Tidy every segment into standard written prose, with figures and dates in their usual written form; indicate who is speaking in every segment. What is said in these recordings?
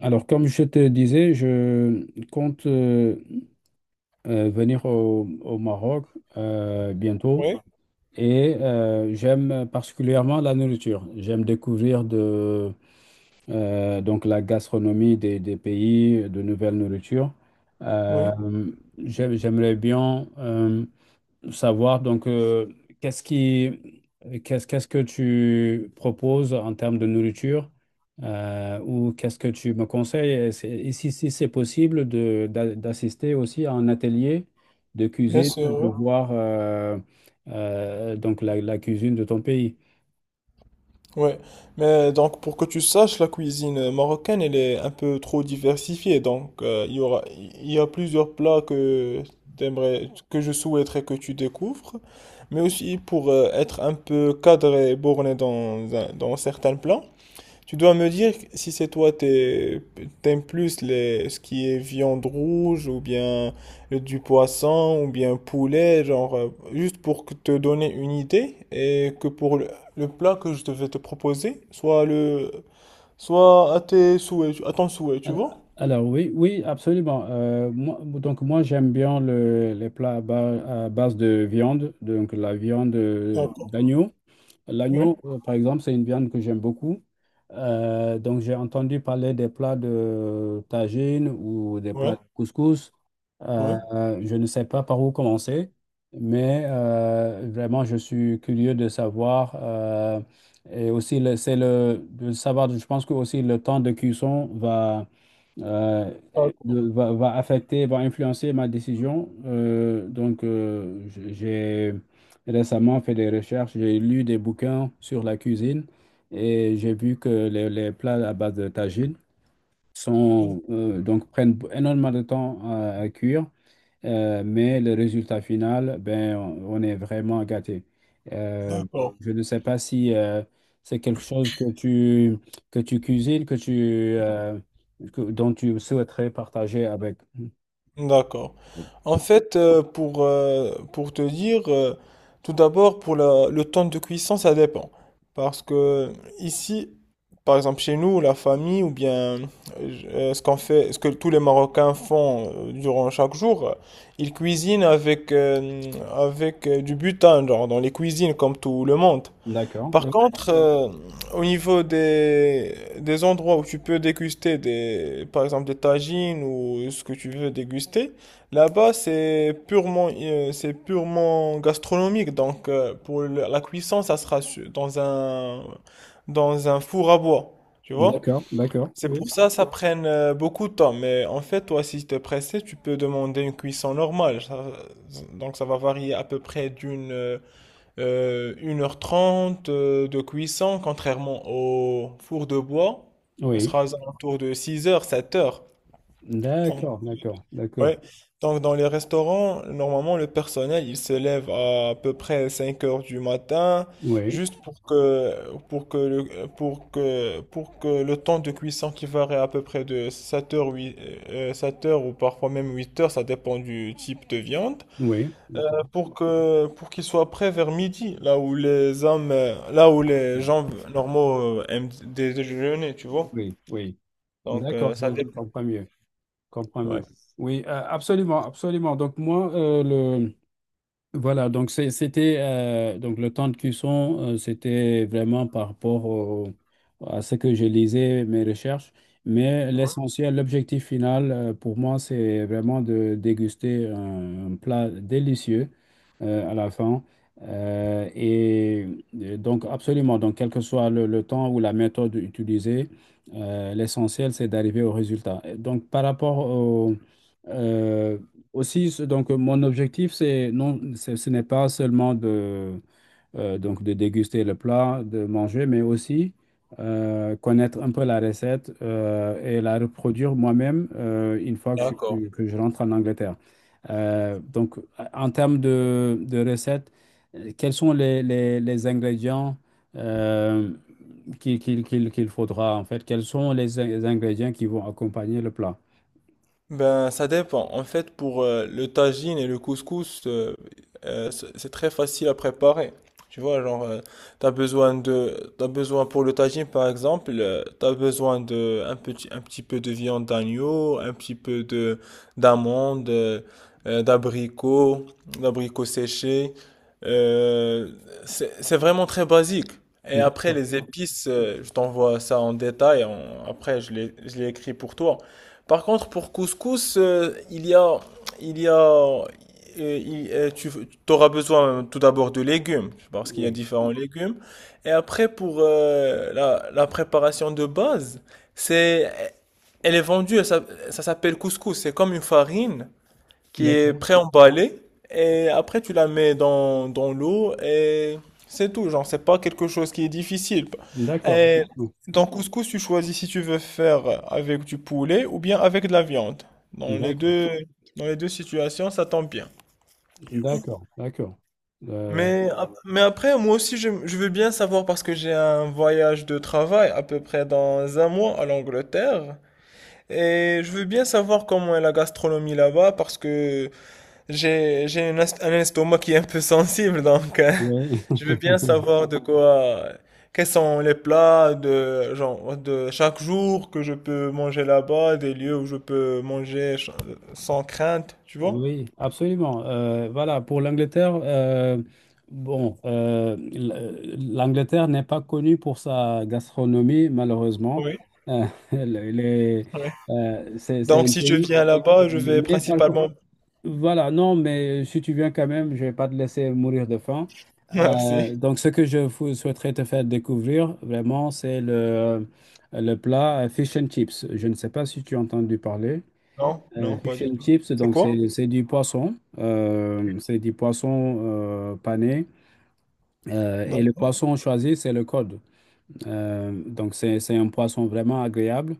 Speaker 1: Alors, comme je te disais, je compte venir au Maroc bientôt,
Speaker 2: Oui,
Speaker 1: et j'aime particulièrement la nourriture. J'aime découvrir donc la gastronomie des pays, de nouvelles nourritures. Euh,
Speaker 2: oui,
Speaker 1: j'aimerais bien savoir donc qu'est-ce qui qu'est-ce qu'est-ce que tu proposes en termes de nourriture ou qu'est-ce que tu me conseilles et si, si c'est possible de d'assister aussi à un atelier de
Speaker 2: bien
Speaker 1: cuisine,
Speaker 2: sûr.
Speaker 1: de
Speaker 2: Ouais.
Speaker 1: voir donc la cuisine de ton pays.
Speaker 2: Ouais. Mais donc pour que tu saches, la cuisine marocaine, elle est un peu trop diversifiée. Donc il y a plusieurs plats que t'aimerais, que je souhaiterais que tu découvres. Mais aussi pour être un peu cadré et borné dans certains plans. Tu dois me dire si c'est toi, t'aimes plus les, ce qui est viande rouge ou bien du poisson ou bien poulet, genre, juste pour que te donner une idée et que pour le plat que je devais te proposer, soit à tes souhaits, à ton souhait, tu
Speaker 1: Alors,
Speaker 2: vois?
Speaker 1: absolument. Moi, j'aime bien les plats à base de viande, donc la viande
Speaker 2: D'accord,
Speaker 1: d'agneau.
Speaker 2: oui,
Speaker 1: L'agneau, par exemple, c'est une viande que j'aime beaucoup. Donc j'ai entendu parler des plats de tagine ou des
Speaker 2: oui,
Speaker 1: plats de couscous.
Speaker 2: oui.
Speaker 1: Euh, je ne sais pas par où commencer, mais vraiment je suis curieux de savoir. Et aussi, c'est le de savoir, je pense que aussi le temps de cuisson va euh,
Speaker 2: D'accord,
Speaker 1: va affecter, va influencer ma décision. J'ai récemment fait des recherches, j'ai lu des bouquins sur la cuisine et j'ai vu que les plats à base de tagine sont, donc prennent énormément de temps à cuire. Mais le résultat final, ben, on est vraiment gâté. Euh,
Speaker 2: d'accord,
Speaker 1: je ne sais pas si c'est quelque chose que tu cuisines, dont tu souhaiterais partager avec.
Speaker 2: d'accord. En fait, pour te dire, tout d'abord, pour le temps de cuisson, ça dépend. Parce que ici, par exemple, chez nous, la famille, ou bien ce qu'on fait, ce que tous les Marocains font durant chaque jour, ils cuisinent avec du butin, genre, dans les cuisines, comme tout le monde.
Speaker 1: D'accord,
Speaker 2: Par
Speaker 1: oui.
Speaker 2: contre, au niveau des endroits où tu peux déguster des, par exemple des tagines ou ce que tu veux déguster, là-bas c'est purement gastronomique. Donc pour la cuisson, ça sera dans un four à bois. Tu vois?
Speaker 1: D'accord, d'accord,
Speaker 2: C'est
Speaker 1: oui.
Speaker 2: pour ça ça prenne beaucoup de temps. Mais en fait, toi, si tu es pressé, tu peux demander une cuisson normale. Donc ça va varier à peu près d'une 1h30 de cuisson, contrairement au four de bois, ce
Speaker 1: Oui,
Speaker 2: sera aux alentours de six heures sept heures. Donc,
Speaker 1: d'accord, d'accord, d'accord.
Speaker 2: ouais. Donc, dans les restaurants, normalement, le personnel, il se lève à, peu près cinq heures du matin,
Speaker 1: Oui,
Speaker 2: juste pour que le temps de cuisson qui varie à peu près de sept heures ou parfois même huit heures, ça dépend du type de viande,
Speaker 1: oui,
Speaker 2: pour qu'ils soient prêts vers midi, là où les gens normaux aiment déjeuner, tu vois.
Speaker 1: oui, oui.
Speaker 2: Donc
Speaker 1: D'accord,
Speaker 2: ça
Speaker 1: je
Speaker 2: dépend.
Speaker 1: comprends mieux, comprends mieux.
Speaker 2: Ouais.
Speaker 1: Oui, absolument, absolument. Donc moi, Voilà, donc c'est- c'était donc le temps de cuisson, c'était vraiment par rapport à ce que je lisais, mes recherches. Mais
Speaker 2: Ouais.
Speaker 1: l'essentiel, l'objectif final pour moi, c'est vraiment de déguster un plat délicieux à la fin. Euh, et et donc absolument, donc quel que soit le temps ou la méthode utilisée, l'essentiel, c'est d'arriver au résultat. Et donc par rapport au... euh, mon objectif, c'est non, ce ce n'est pas seulement de, donc de déguster le plat, de manger, mais aussi connaître un peu la recette et la reproduire moi-même une fois que je,
Speaker 2: D'accord.
Speaker 1: suis- que je rentre en Angleterre. Donc, en termes de recettes, quels sont les ingrédients euh, qu'il faudra, en fait? Quels sont les ingrédients qui vont accompagner le plat?
Speaker 2: Ben, ça dépend. En fait, pour le tagine et le couscous, c'est très facile à préparer. Tu vois, genre, t'as besoin pour le tagine, par exemple, t'as besoin de un petit peu de viande d'agneau, un petit peu de d'amandes, euh, d'abricots, d'abricots séchés. Euh, c'est vraiment très basique. Et après,
Speaker 1: D'accord.
Speaker 2: les épices, je t'envoie ça en détail. Après, je les écris pour toi. Par contre, pour couscous, il y a, il y a, il- tu auras besoin tout d'abord de légumes, parce qu'il y a
Speaker 1: Oui.
Speaker 2: différents légumes. Et après, pour la préparation de base, c'est, elle est vendue, elle ça, s'appelle couscous. C'est comme une farine qui est
Speaker 1: D'accord.
Speaker 2: pré-emballée et après tu la mets dans l'eau et c'est tout. Genre, c'est pas quelque chose qui est difficile.
Speaker 1: D'accord.
Speaker 2: Et dans couscous, tu choisis si tu veux faire avec du poulet ou bien avec de la viande. Dans les
Speaker 1: D'accord,
Speaker 2: deux, Dans les deux situations, ça tombe bien.
Speaker 1: d'accord, d'accord. Euh,
Speaker 2: Mais, mais après, moi aussi, je veux bien savoir parce que j'ai un voyage de travail à peu près dans un mois à l'Angleterre. Et je veux bien savoir comment est la gastronomie là-bas parce que j'ai un estomac qui est un peu sensible, donc
Speaker 1: oui,
Speaker 2: je veux bien savoir quels sont les plats de chaque jour que je peux manger là-bas, des lieux où je peux manger sans crainte, tu vois?
Speaker 1: oui, absolument. Voilà, pour l'Angleterre, bon, l'Angleterre n'est pas connue pour sa gastronomie, malheureusement.
Speaker 2: Oui,
Speaker 1: Euh, les- les-
Speaker 2: oui.
Speaker 1: c'est
Speaker 2: Donc
Speaker 1: un
Speaker 2: si je
Speaker 1: pays,
Speaker 2: viens là-bas, je vais
Speaker 1: mais par,
Speaker 2: principalement.
Speaker 1: Voilà, non, mais si tu viens quand même, je vais pas te laisser mourir de faim.
Speaker 2: Merci.
Speaker 1: Donc, ce que je vous souhaiterais te faire découvrir, vraiment, le plat fish and chips. Je ne sais pas si tu as entendu parler.
Speaker 2: Non, non, pas
Speaker 1: Fish
Speaker 2: du
Speaker 1: and
Speaker 2: tout.
Speaker 1: chips,
Speaker 2: C'est
Speaker 1: donc,
Speaker 2: quoi?
Speaker 1: c'est du poisson. C'est du poisson pané. Et le
Speaker 2: D'accord.
Speaker 1: poisson choisi, c'est le cod. Donc, c'est un poisson vraiment agréable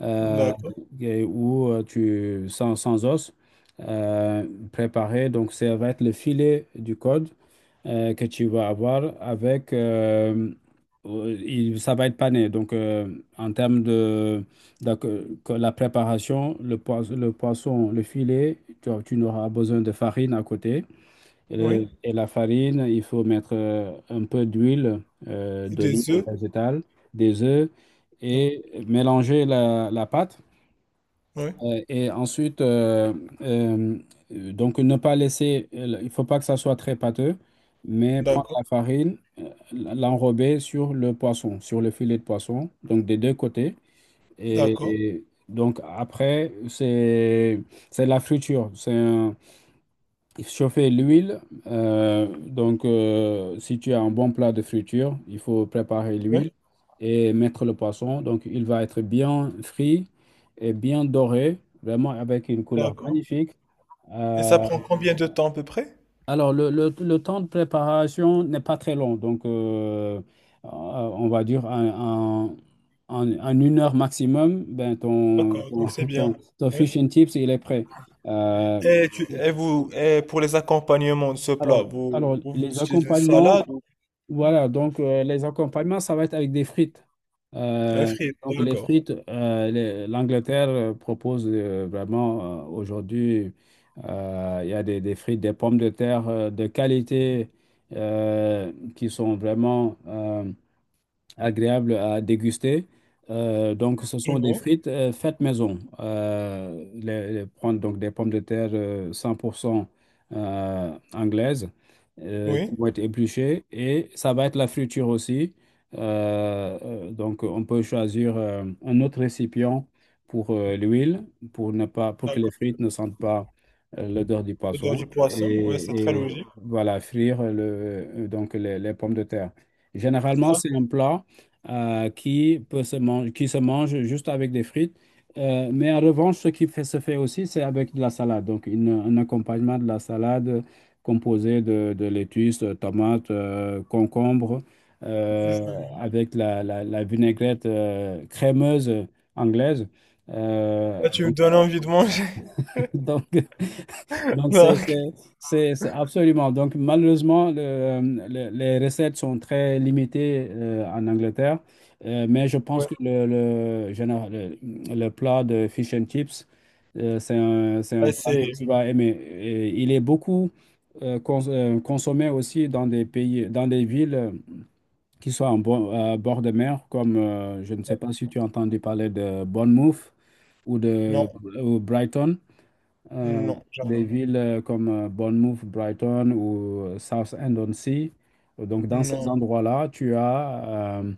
Speaker 1: euh,
Speaker 2: D'accord.
Speaker 1: et où tu, sans os, euh, préparé. Donc, ça va être le filet du code que tu vas avoir avec. Ça va être pané. Donc, en termes de, donc, que la préparation, le filet, tu n'auras besoin de farine à côté.
Speaker 2: Oui.
Speaker 1: Et la farine, il faut mettre un peu d'huile d'olive
Speaker 2: Des
Speaker 1: ou
Speaker 2: œufs?
Speaker 1: végétale, des œufs
Speaker 2: Oui.
Speaker 1: et mélanger la pâte.
Speaker 2: Oui.
Speaker 1: Ensuite, euh, donc ne pas laisser, il faut pas que ça soit très pâteux, mais prendre
Speaker 2: D'accord.
Speaker 1: la farine, l'enrober sur le poisson, sur le filet de poisson, donc des deux côtés. Et,
Speaker 2: D'accord.
Speaker 1: et donc après, c'est la friture. Chauffer l'huile. Si tu as un bon plat de friture, il faut préparer
Speaker 2: Oui.
Speaker 1: l'huile et mettre le poisson. Donc, il va être bien frit et bien doré, vraiment avec une couleur
Speaker 2: D'accord.
Speaker 1: magnifique.
Speaker 2: Et ça
Speaker 1: Euh,
Speaker 2: prend combien de temps à peu près?
Speaker 1: alors, le temps de préparation n'est pas très long. Donc, on va dire en une heure maximum, ben,
Speaker 2: D'accord, donc c'est bien.
Speaker 1: ton
Speaker 2: Ouais.
Speaker 1: fish and chips, il est prêt. Euh,
Speaker 2: Et, et vous, et pour les accompagnements de ce plat,
Speaker 1: Alors, alors,
Speaker 2: vous
Speaker 1: les
Speaker 2: utilisez une salade
Speaker 1: accompagnements,
Speaker 2: ou
Speaker 1: voilà, donc les accompagnements, ça va être avec des frites.
Speaker 2: un
Speaker 1: Euh,
Speaker 2: frit,
Speaker 1: donc, les
Speaker 2: d'accord.
Speaker 1: frites, l'Angleterre propose vraiment aujourd'hui, il y a des frites, des pommes de terre de qualité qui sont vraiment agréable à déguster. Donc, ce
Speaker 2: Je
Speaker 1: sont des
Speaker 2: vois.
Speaker 1: frites faites maison. Prendre donc des pommes de terre 100% anglaises qui
Speaker 2: Oui,
Speaker 1: vont être épluchées et ça va être la friture aussi. Donc, on peut choisir un autre récipient pour l'huile pour ne pas pour que les
Speaker 2: d'accord.
Speaker 1: frites ne sentent pas l'odeur du
Speaker 2: Le dans
Speaker 1: poisson
Speaker 2: du poisson, ouais, c'est très
Speaker 1: et
Speaker 2: logique.
Speaker 1: voilà frire donc les les pommes de terre. Généralement,
Speaker 2: D'accord.
Speaker 1: c'est un plat qui se mange juste avec des frites. Mais en revanche, ce qui se fait aussi, c'est avec de la salade. Donc, un accompagnement de la salade composé de lettuce, de tomates, concombres, euh, avec la vinaigrette crémeuse anglaise. Euh,
Speaker 2: Là, tu me
Speaker 1: donc,
Speaker 2: donnes envie de manger.
Speaker 1: donc, donc, c'est
Speaker 2: Donc,
Speaker 1: c'est- c'est absolument. Donc, malheureusement, les recettes sont très limitées en Angleterre. Mais je pense
Speaker 2: ouais.
Speaker 1: que le plat de fish and chips, c'est c'est un
Speaker 2: Ah,
Speaker 1: plat que tu vas aimer. Et il est beaucoup consommé aussi dans des pays, dans des villes qui sont à bord de mer, comme je ne sais pas si tu as entendu parler de Bournemouth ou
Speaker 2: non,
Speaker 1: de ou Brighton. Euh,
Speaker 2: non, jamais
Speaker 1: des
Speaker 2: non.
Speaker 1: villes comme Bournemouth, Brighton ou Southend-on-Sea. Donc, dans ces
Speaker 2: Non,
Speaker 1: endroits-là, tu as euh,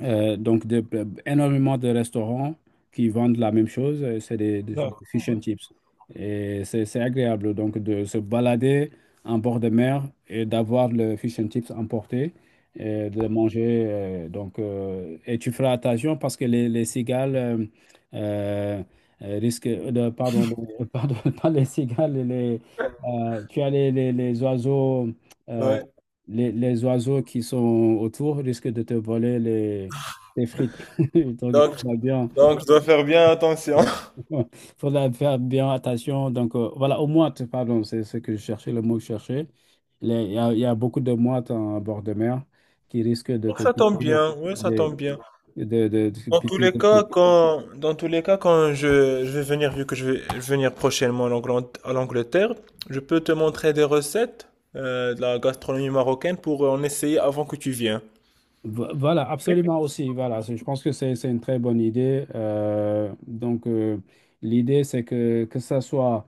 Speaker 1: euh, donc énormément de restaurants qui vendent la même chose, c'est
Speaker 2: d'accord,
Speaker 1: des fish
Speaker 2: ouais.
Speaker 1: and chips. Et c'est agréable, donc, de se balader en bord de mer et d'avoir le fish and chips emporté, et de le manger. Et tu feras attention parce que les cigales euh, risquent de... Pardon, pardon, pas les cigales, tu as les oiseaux... euh,
Speaker 2: Ouais.
Speaker 1: les oiseaux qui sont autour risquent de te voler des frites. Donc, il
Speaker 2: Donc,
Speaker 1: faudra bien,
Speaker 2: donc, je dois faire bien attention.
Speaker 1: faudra faire bien attention. Donc, voilà, aux mouettes, pardon, c'est ce que je cherchais, le mot que je cherchais. Il y a beaucoup de mouettes en bord de mer qui risquent de te
Speaker 2: Ça tombe
Speaker 1: piquer.
Speaker 2: bien, oui, ça tombe
Speaker 1: De,
Speaker 2: bien.
Speaker 1: de te piquer tes pieds.
Speaker 2: Dans tous les cas, quand je vais venir, vu que je vais venir prochainement en à l'Angleterre, je peux te montrer des recettes de la gastronomie marocaine pour en essayer avant que tu viennes.
Speaker 1: Voilà,
Speaker 2: Ok.
Speaker 1: absolument aussi. Voilà, je pense que c'est une très bonne idée. L'idée, c'est que ça soit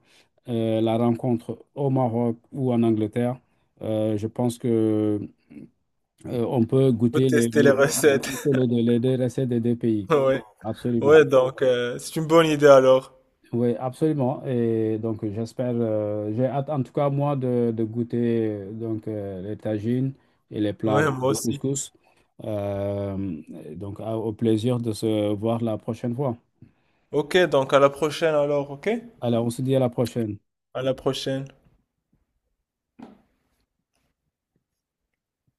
Speaker 1: la rencontre au Maroc ou en Angleterre, je pense que on peut
Speaker 2: Pour
Speaker 1: goûter les,
Speaker 2: tester
Speaker 1: les,
Speaker 2: les
Speaker 1: les,
Speaker 2: recettes.
Speaker 1: les les deux recettes des deux pays.
Speaker 2: Ouais,
Speaker 1: Absolument.
Speaker 2: ouais, donc c'est une bonne idée alors.
Speaker 1: Oui, absolument. Et donc, j'espère, j'ai hâte, en tout cas, moi, de goûter les tagines et les plats
Speaker 2: Ouais, moi
Speaker 1: de
Speaker 2: aussi.
Speaker 1: couscous. Euh, donc, au plaisir de se voir la prochaine fois.
Speaker 2: Ok, donc à la prochaine alors, ok?
Speaker 1: Alors, on se dit à la prochaine.
Speaker 2: À la prochaine.